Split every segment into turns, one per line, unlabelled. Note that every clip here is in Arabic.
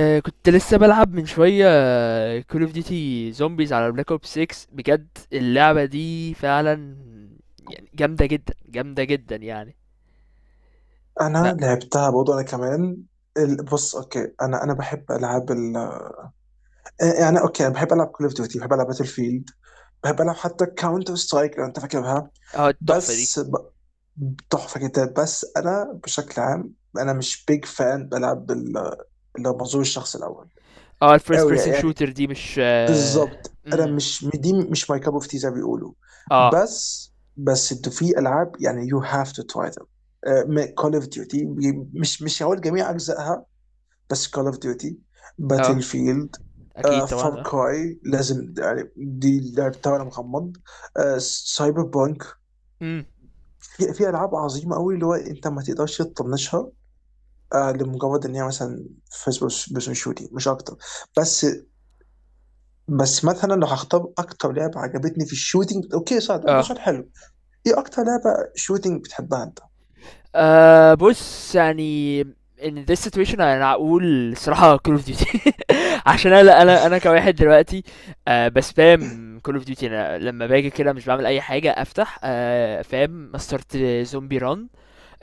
كنت لسه بلعب من شوية كول اوف ديوتي زومبيز على بلاك اوب 6. بجد اللعبة دي فعلا يعني جامدة جدا جامدة جدا يعني ف
انا لعبتها برضه انا كمان. بص، اوكي، انا بحب العاب ال آه، يعني اوكي، انا بحب العب كول اوف ديوتي، بحب العب باتل فيلد، بحب العب حتى كاونتر سترايك لو انت فاكرها.
اه التحفة دي
بس ب- تحفه جدا. بس انا بشكل عام انا مش بيج فان بلعب اللي هو منظور الشخص الاول
اه الفيرست
قوي
بيرسون
يعني.
شوتر دي مش
بالظبط انا مش، دي مش ماي كاب اوف تي زي ما بيقولوا.
اه
بس انتوا في العاب يعني يو هاف تو تراي ذم. كول اوف ديوتي، مش هقول جميع اجزائها، بس كول اوف ديوتي،
اه
باتل فيلد،
اكيد
فار
طبعا. اه
كراي، لازم يعني دي اللعب بتاعنا مغمض. سايبر بانك.
امم
في العاب عظيمه قوي اللي هو انت ما تقدرش تطنشها. لمجرد ان هي مثلا فيرست بيرسون شوتنج مش اكتر. بس بس مثلا لو هختار اكتر لعبه عجبتني في الشوتنج، اوكي صح، ده
اه
سؤال حلو. ايه اكتر لعبه شوتنج بتحبها انت؟
بص يعني in this situation انا اقول صراحة كول اوف ديوتي. عشان انا كواحد دلوقتي بسبام كول اوف ديوتي، انا لما باجي كده مش بعمل اي حاجه، افتح فاهم، مسترت زومبي ران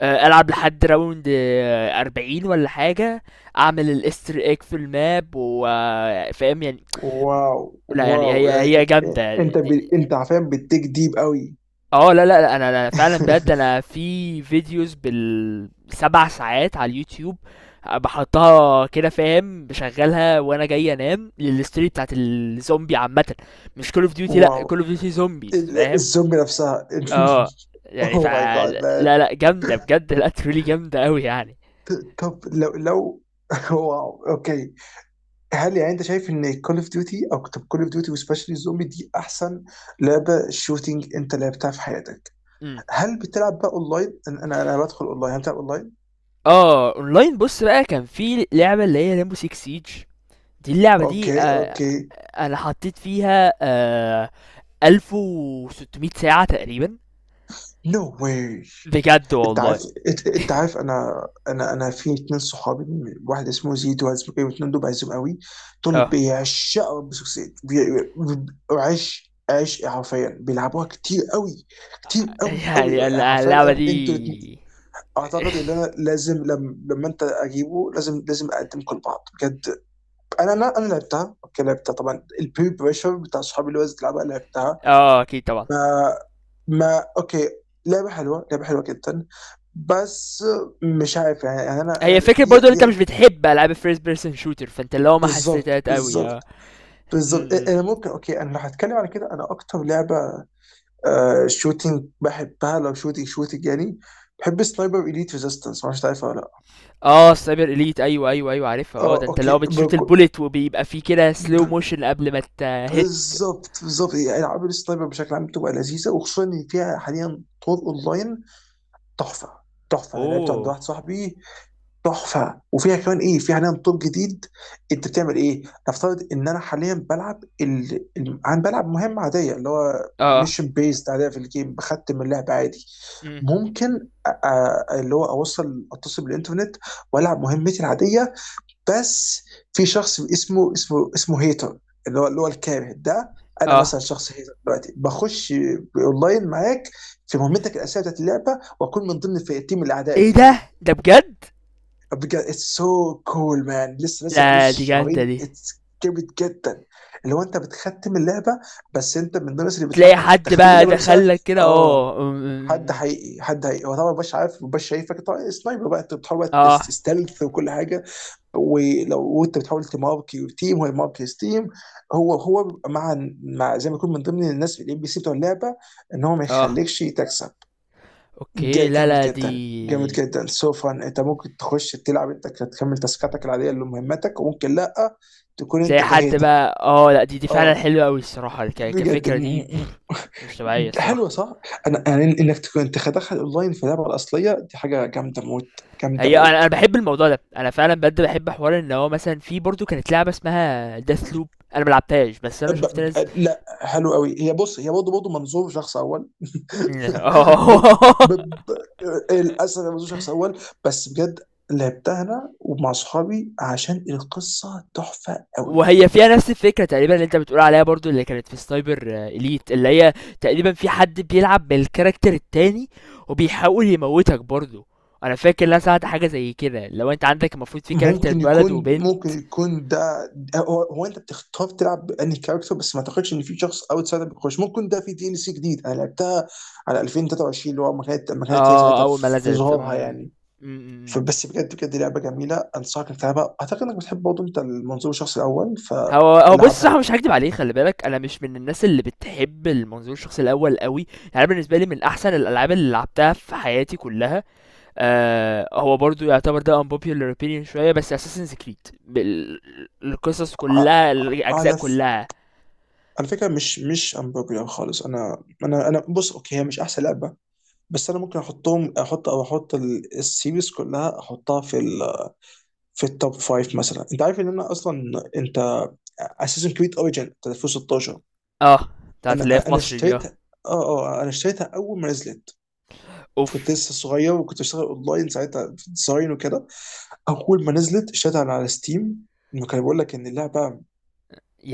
آه العب لحد راوند 40 ولا حاجه، اعمل الاستر ايج في الماب وفاهم يعني.
واو،
لا يعني
واو،
هي هي
يعني
جامده
انت
دي-
انت عارفين بتديك ديب قوي.
لا، انا فعلا بجد انا في فيديوز بالسبع ساعات على اليوتيوب. بحطها كده، فاهم، بشغلها وانا جاي انام للستوري بتاعت الزومبي عامة. مش كول اوف ديوتي، لا كول اوف
واو.
ديوتي زومبيز، فاهم.
الزومبي نفسها.
اه يعني ف
اوه ماي جاد مان.
لا لا جامدة بجد، لا تريلي جامدة قوي يعني.
طب لو. واو، اوكي. هل يعني انت شايف ان كول اوف ديوتي، او طب كول اوف ديوتي وسبيشلي الزومبي، دي احسن لعبه شوتينج انت لعبتها في حياتك؟
امم
هل بتلعب بقى اونلاين؟ انا انا أنا بدخل اونلاين، هل بتلعب اونلاين؟
اه اونلاين بص بقى، كان في لعبة اللي هي ريمبو 6 سيج، دي اللعبة دي
اوكي،
آه
اوكي.
انا حطيت فيها 1600 ساعة تقريبا.
نو واي.
بجد
انت عارف،
والله.
انت عارف، انا في اتنين صحابي، واحد اسمه زيد وواحد اسمه ايه، واتنين دول بعزهم قوي. دول
اه
بيعشقوا بيسك سيد. عش عش حرفيا بيلعبوها كتير قوي، كتير قوي قوي يعني حرفيا.
اللعبة
انتوا الاتنين-
دي
اعتقد ان انا لازم، لما انت اجيبه، لازم اقدمكم لبعض بجد. انا لعبتها، اوكي لعبتها طبعا، البري بريشر بتاع صحابي اللي هو لعبها لعبتها.
اه، اكيد طبعا.
ما اوكي، لعبه حلوه، لعبه حلوه جدا. بس مش عارف يعني، يعني انا
هي
انا
فكرة
دي
برضو ان انت مش
دي
بتحب العاب الفيرست بيرسون شوتر، فانت اللي هو ما حسيتهاش
بالظبط،
قوي.
بالظبط،
اه
بالظبط.
م- م.
انا ممكن، اوكي انا لو هتكلم على كده، انا اكتر لعبه شوتينج بحبها، لو شوتينج شوتينج يعني، بحب سنايبر اليت ريزيستنس، ما اعرفش تعرفها ولا لا.
اه سايبر اليت، ايوه ايوه ايوه عارفها. اه،
اه
ده انت اللي
اوكي،
هو بتشوت البوليت وبيبقى فيه كده سلو
ب-
موشن قبل ما تهت.
بالظبط، بالظبط. يعني العاب السنايبر بشكل عام بتبقى لذيذه، وخصوصا ان فيها حاليا طور اونلاين، تحفه. تحفه، انا لعبت عند
اوه
واحد صاحبي، تحفه. وفيها كمان ايه، فيها حاليا طور جديد. انت بتعمل ايه؟ نفترض ان انا حاليا بلعب انا بلعب مهمه عاديه اللي هو
اه
ميشن بيست عاديه في الجيم، بختم اللعبه عادي.
م.
ممكن اللي هو اتصل بالانترنت والعب مهمتي العاديه، بس في شخص اسمه هيتر، اللي هو الكاره ده. انا
اه
مثلا شخص هيتر دلوقتي بخش اونلاين معاك في مهمتك الاساسيه بتاعت اللعبه، واكون من ضمن الفئتين من الاعداء
ايه ده،
التانيين.
ده بجد؟
بجد، اتس سو كول مان. لسه مالوش
لا دي جامدة
شهرين،
دي.
اتس جامد جدا. اللي هو انت بتختم اللعبه، بس انت من الناس اللي
تلاقي
بتواجهك في
حد
تختيم
بقى
اللعبه نفسها.
دخلك كده.
اه،
اه م-
حد
م- م.
حقيقي، حد حقيقي. هو طبعا مبقاش عارف، مبقاش شايفك طبعا، سنايبر بقى انت بتحاول بقى
اه
تستلث وكل حاجه. وانت بتحاول تماركي تيم، هو يماركي تيم. هو مع زي ما يكون من ضمن الناس الام بي سي بتوع اللعبه، ان هو ما
اه
يخليكش تكسب.
اوكي، لا
جامد
لا
جدا، جامد
دي.
جدا، سو فان. انت ممكن تخش تلعب انت، تكمل تاسكاتك العاديه اللي مهمتك، وممكن لا تكون
تلاقي
انت
حد
كهيتر.
بقى، اه لا دي دي فعلا
اه
حلوه قوي الصراحه،
بجد،
كفكره دي، مش طبيعيه الصراحه.
حلوه صح؟ انا انك تكون انت تدخل اونلاين في اللعبه الاصليه، دي حاجه جامده موت، جامده
هي انا
موت.
بحب الموضوع ده، انا فعلا بجد بحب حوار ان هو مثلا في برضو كانت لعبه اسمها داث لوب، انا ملعبتهاش بس انا
ب...
شفت
ب...
ناس.
لا، حلو قوي. هي بص، هي برضه منظور شخص اول. ب...
اه،
ب... ب... للاسف هي منظور شخص اول بس، بجد لعبتها انا ومع اصحابي عشان القصه تحفه قوي.
وهي فيها نفس الفكره تقريبا اللي انت بتقول عليها، برضو اللي كانت في سنايبر اليت، اللي هي تقريبا في حد بيلعب بالكاركتر التاني وبيحاول يموتك برضو. انا فاكر ان انا سمعت حاجه زي كده، لو انت عندك المفروض في كاركتر بلد وبنت.
ممكن يكون ده. هو انت بتختار تلعب انهي كاركتر، بس ما اعتقدش ان في شخص اوتسايدر بيخش. ممكن ده في دي ال سي جديد، انا لعبتها على 2023 اللي هو ما كانت هي
آه
ساعتها
أول ما
في
نزلت
ظهورها
إمم.
يعني.
إمم، إمم، إمم.
فبس بجد، بجد لعبه جميله، انصحك انك تلعبها، اعتقد انك بتحب برضه انت المنظور الشخص الاول،
هو هو بُص
فالعبها.
هو مش هاكدب عليك، خلّي بالك، أنا مش من الناس اللي بتحب المنظور الشخصي الأول أوي، يعني أنا بالنسبة لي من أحسن الألعاب اللي لعبتها في حياتي كلّها. هو برضه يعتبر ده unpopular opinion شوية، بس Assassin's Creed بال، القصص
ع-
كلّها، الأجزاء
على ف...
كلّها.
على فكره مش امبروبيا خالص. انا بص، اوكي، هي مش احسن لعبه، بس انا ممكن احطهم، احط او احط السيريز كلها، احطها في في التوب فايف مثلا. انت عارف ان انا اصلا انت اساسن كريد اوريجن 2016
آه، بتاعة اللي هي
انا
في
انا
مصر دي.
اشتريتها. اه انا اشتريتها اول ما نزلت. كنت
أوف!
لسه صغير، وكنت بشتغل اونلاين ساعتها في ديزاين وكده. اول ما نزلت اشتريتها على ستيم. كان بيقول لك ان اللعبه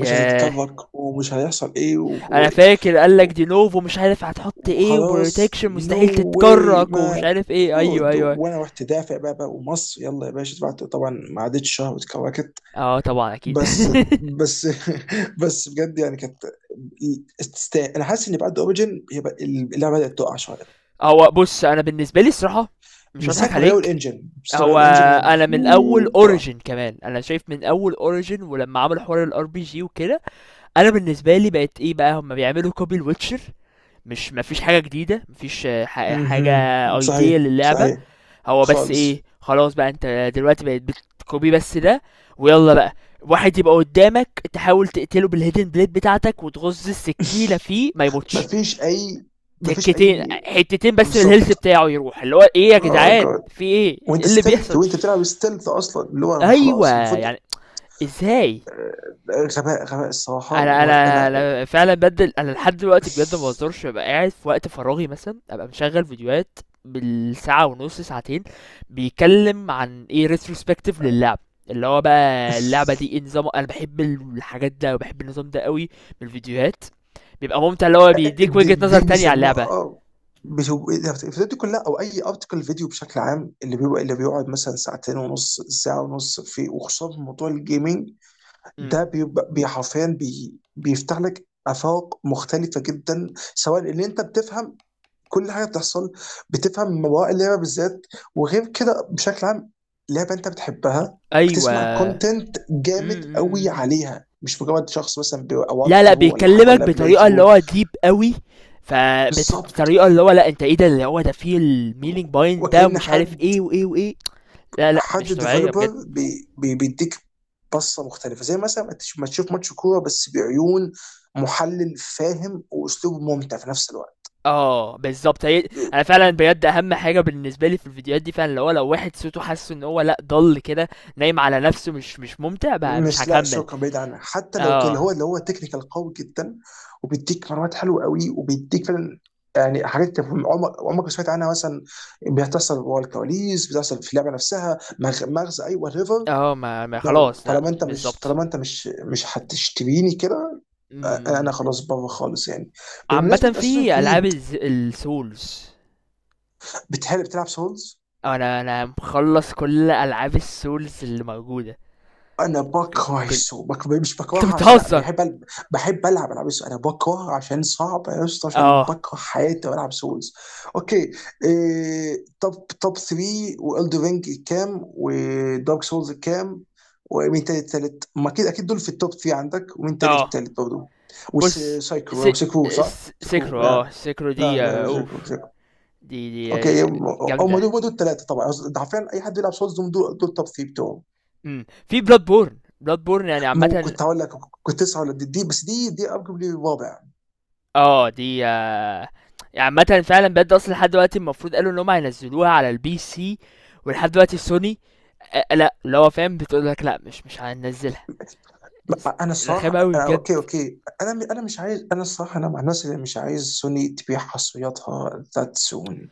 مش هتتكفك، ومش هيحصل ايه
أنا فاكر قال لك
و...
دي novo، مش عارف هتحط إيه،
وخلاص،
وprotection
نو
مستحيل
واي
تتكرّك ومش
ما.
عارف إيه، أيوه،
أوه،
أيوه.
وانا رحت دافع بقى، ومصر يلا يا باشا، دفعت طبعا. ما عدتش شهر واتكوكت.
اه طبعًا أكيد.
بس بس بس بجد، يعني كانت تستاهل. انا حاسس ان بعد اوريجن هي اللعبه بدات تقع شويه.
هو بُص، أنا بالنسبة لي الصراحة مش هاضحك عليك،
من ساعه ما غيروا
هو
الانجن هي
أنا من أول
تقع.
origin كمان، أنا شايف من أول origin ولمّا عملوا حوار الRPG وكده، أنا بالنسبة لي بقت إيه بقى، هُم بيعملوا copy لwitcher، مش ما فيش حاجة جديدة، ما فيش حاجة
مهم.
idea
صحيح،
للعبة.
صحيح.
هو بس إيه،
خالص.
خلاص بقى أنت دلوقتي بقيت بتcopy بس ده، ويالّا بقى، واحد يبقى قدّامك تحاول تقتله بالhidden blade بتاعتك وتغُز السكينة فيه ما يموتش،
مفيش اي مفيش
تكتين
اي
حتتين بس من الهيلث
بالظبط.
بتاعه يروح، اللي هو ايه يا
اه
جدعان،
جاد،
في ايه، إيه
وانت
اللي
ستيلث،
بيحصل؟
وانت بتلعب ستيلث اصلا اللي هو انا
ايوه،
خلاص المفروض.
يعني ازاي؟
غباء، غباء الصراحه،
انا انا
وانا
انا فعلا بدل، انا لحد دلوقتي بجد ما بهزرش، ببقى قاعد في وقت فراغي مثلا ابقى مشغل فيديوهات بالساعه ونص ساعتين، بيتكلم عن ايه، ريتروسبكتيف للعب، اللي هو بقى اللعبه دي ايه نظام. انا بحب الحاجات ده وبحب النظام ده قوي، من الفيديوهات، بيبقى ممتع اللي هو بيديك وجهه نظر
دي
تانية على
بيسموها
اللعبه.
الفيديوهات دي كلها، او اي ارتكل فيديو بشكل عام اللي بيبقى، اللي بيقعد مثلا ساعتين ونص، ساعه ونص، في وخصوصا في موضوع الجيمنج،
امم
ده بيبقى حرفيا بيفتح لك افاق مختلفه جدا، سواء ان انت بتفهم كل حاجه بتحصل، بتفهم مواقع اللعبه بالذات، وغير كده بشكل عام لعبه انت بتحبها بتسمع
ايوه
كونتنت
امم
جامد قوي
امم
عليها، مش مجرد شخص مثلا او
لا لا،
ثرو ولا حاجه
بيكلمك
ولا بلاي
بطريقه اللي
ثرو.
هو ديب قوي،
بالظبط،
فبطريقه اللي هو لا انت ايه ده، اللي هو ده فيه المينينج باين ده،
وكأن
ومش عارف
حد،
ايه وايه وايه. لا لا
حد
مش طبيعيه بجد.
ديفلوبر بي بي بيديك بصه مختلفه، زي مثلا ما ما تشوف ماتش كوره بس بعيون محلل فاهم، واسلوبه ممتع في نفس الوقت.
اه بالظبط. هي انا فعلا بجد، اهم حاجه بالنسبه لي في الفيديوهات دي فعلا اللي هو لو واحد صوته حاسه ان هو لا ضل كده نايم على نفسه، مش مش ممتع بقى، مش
مش لا
هكمل.
شكرا، بعيد عنها. حتى لو تقول
اه
هو اللي هو تكنيكال قوي جدا، وبيديك معلومات حلوه قوي، وبيديك فعلا يعني حاجات انت عمرك ما سمعت عنها مثلا، بتحصل ورا الكواليس، بتحصل في اللعبه نفسها. مغزى، ايوه ريفر.
ما
نو، no.
خلاص، لا بالظبط.
طالما انت مش هتشتريني كده،
م-
انا
م.
خلاص بره خالص يعني. بمناسبه
عامه
اساسن
في العاب
كريد،
السولز،
بتحب بتلعب سولز؟
انا مخلص كل العاب السولز اللي موجوده.
انا
ك-
بكره
كل...
السوق مش
انت
بكرهها، عشان لا
بتهزر.
بحب بحب العب العاب السوق. انا بكره عشان صعب يا اسطى، عشان
اه
بكره حياتي والعب سولز. اوكي، توب، توب 3. والدر رينج كام؟ ودارك سولز كام؟ ومين تاني التالت؟ ما اكيد، اكيد دول في التوب 3 عندك. ومين تاني في
اه
التالت برضه؟
بص س...
وسيكو صح؟ سيكو
سكرو، اه
يعني.
سكرو
لا
دي.
لا، سيكو،
اوف،
سيكو.
دي دي
اوكي،
آه،
هم.
جامده.
دول هم دول الثلاثه طبعا. ده حرفيا اي حد بيلعب سولز دول، دول توب 3 بتوعه.
في بلاد بورن، بلاد بورن، يعني
مو،
عامه،
كنت هقول لك، كنت لسه هقول لك دي. بس دي ارجوبلي رابع.
اه دي. يعني عامه فعلا بجد، اصلا لحد دلوقتي المفروض قالوا ان هم هينزلوها على البي سي، ولحد دلوقتي سوني لا اللي هو فاهم بتقول لك لا مش مش هننزلها.
انا الصراحه،
رخامه قوي
أنا
بجد.
اوكي اوكي انا مش عايز، انا الصراحه انا مع الناس اللي مش عايز سوني تبيع حصرياتها ذات سون.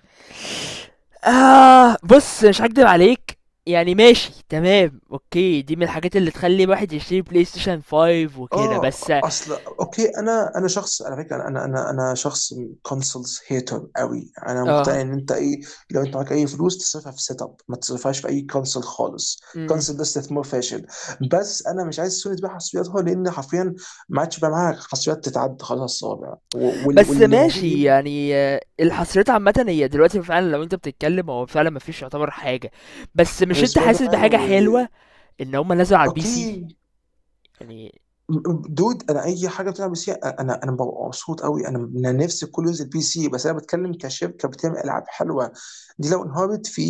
آه بص مش هكدب عليك، يعني ماشي تمام اوكي، دي من الحاجات اللي تخلي الواحد يشتري بلاي ستيشن 5 وكده بس.
اه اصل، اوكي، انا شخص، على فكره، انا شخص كونسولز هيتر قوي. انا
اه
مقتنع ان انت ايه، لو انت معاك اي فلوس تصرفها في سيت اب، ما تصرفهاش في اي كونسول خالص.
م-م.
كونسول ده استثمار فاشل. بس انا مش عايز سوني تبيع حصرياتها، لان حرفيا ما عادش بقى معاها حصريات تتعد، خلاص الصوابع
بس
واللي
ماشي
موجودين
يعني، الحصريات عامة هي دلوقتي فعلا لو انت بتتكلم هو فعلا مفيش يعتبر حاجة. بس مش
غير
انت
سبايدر
حاسس
مان و
بحاجة حلوة ان هما نزلوا على البي سي
اوكي.
يعني.
دود، انا اي حاجه بتلعب بي سي انا انا ببقى مبسوط قوي، انا نفسي كله ينزل بي سي، بس انا بتكلم كشركه بتعمل العاب حلوه. دي لو انهارت، في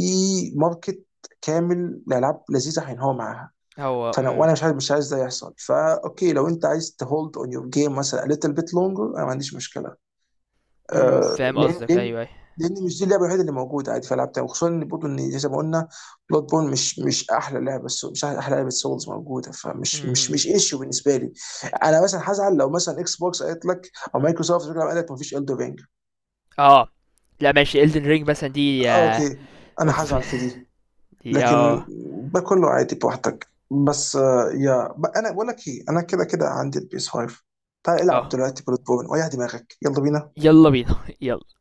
ماركت كامل لالعاب لذيذه هينهار معاها.
هو
فانا، مش عايز، ده يحصل. فا اوكي، لو انت عايز تهولد اون يور جيم مثلا a little bit longer، انا ما عنديش مشكله. آه،
فاهم
لان
قصدك،
لان
ايوه ايوه.
لان مش دي اللعبه الوحيده اللي موجوده، عادي في العاب تانية، وخصوصا ان برضه ان زي ما قلنا بلاد بون مش، مش احلى لعبه سولز موجوده،
م-
فمش، مش
م- م.
مش ايشو بالنسبه لي. انا مثلا هزعل لو مثلا اكس بوكس قالت لك او مايكروسوفت قالت لك مفيش الدو رينج.
اه لا ماشي، Elden Ring مثلا دي
آه
آه،
اوكي، انا
اوف،
هزعل في دي.
دي
لكن
اه
ده كله عادي، براحتك. بس انا بقول لك ايه، انا كده كده عندي البيس 5، تعال
اه
العب
آه.
دلوقتي بلاد بون ويا دماغك، يلا بينا.
يلا بينا يلا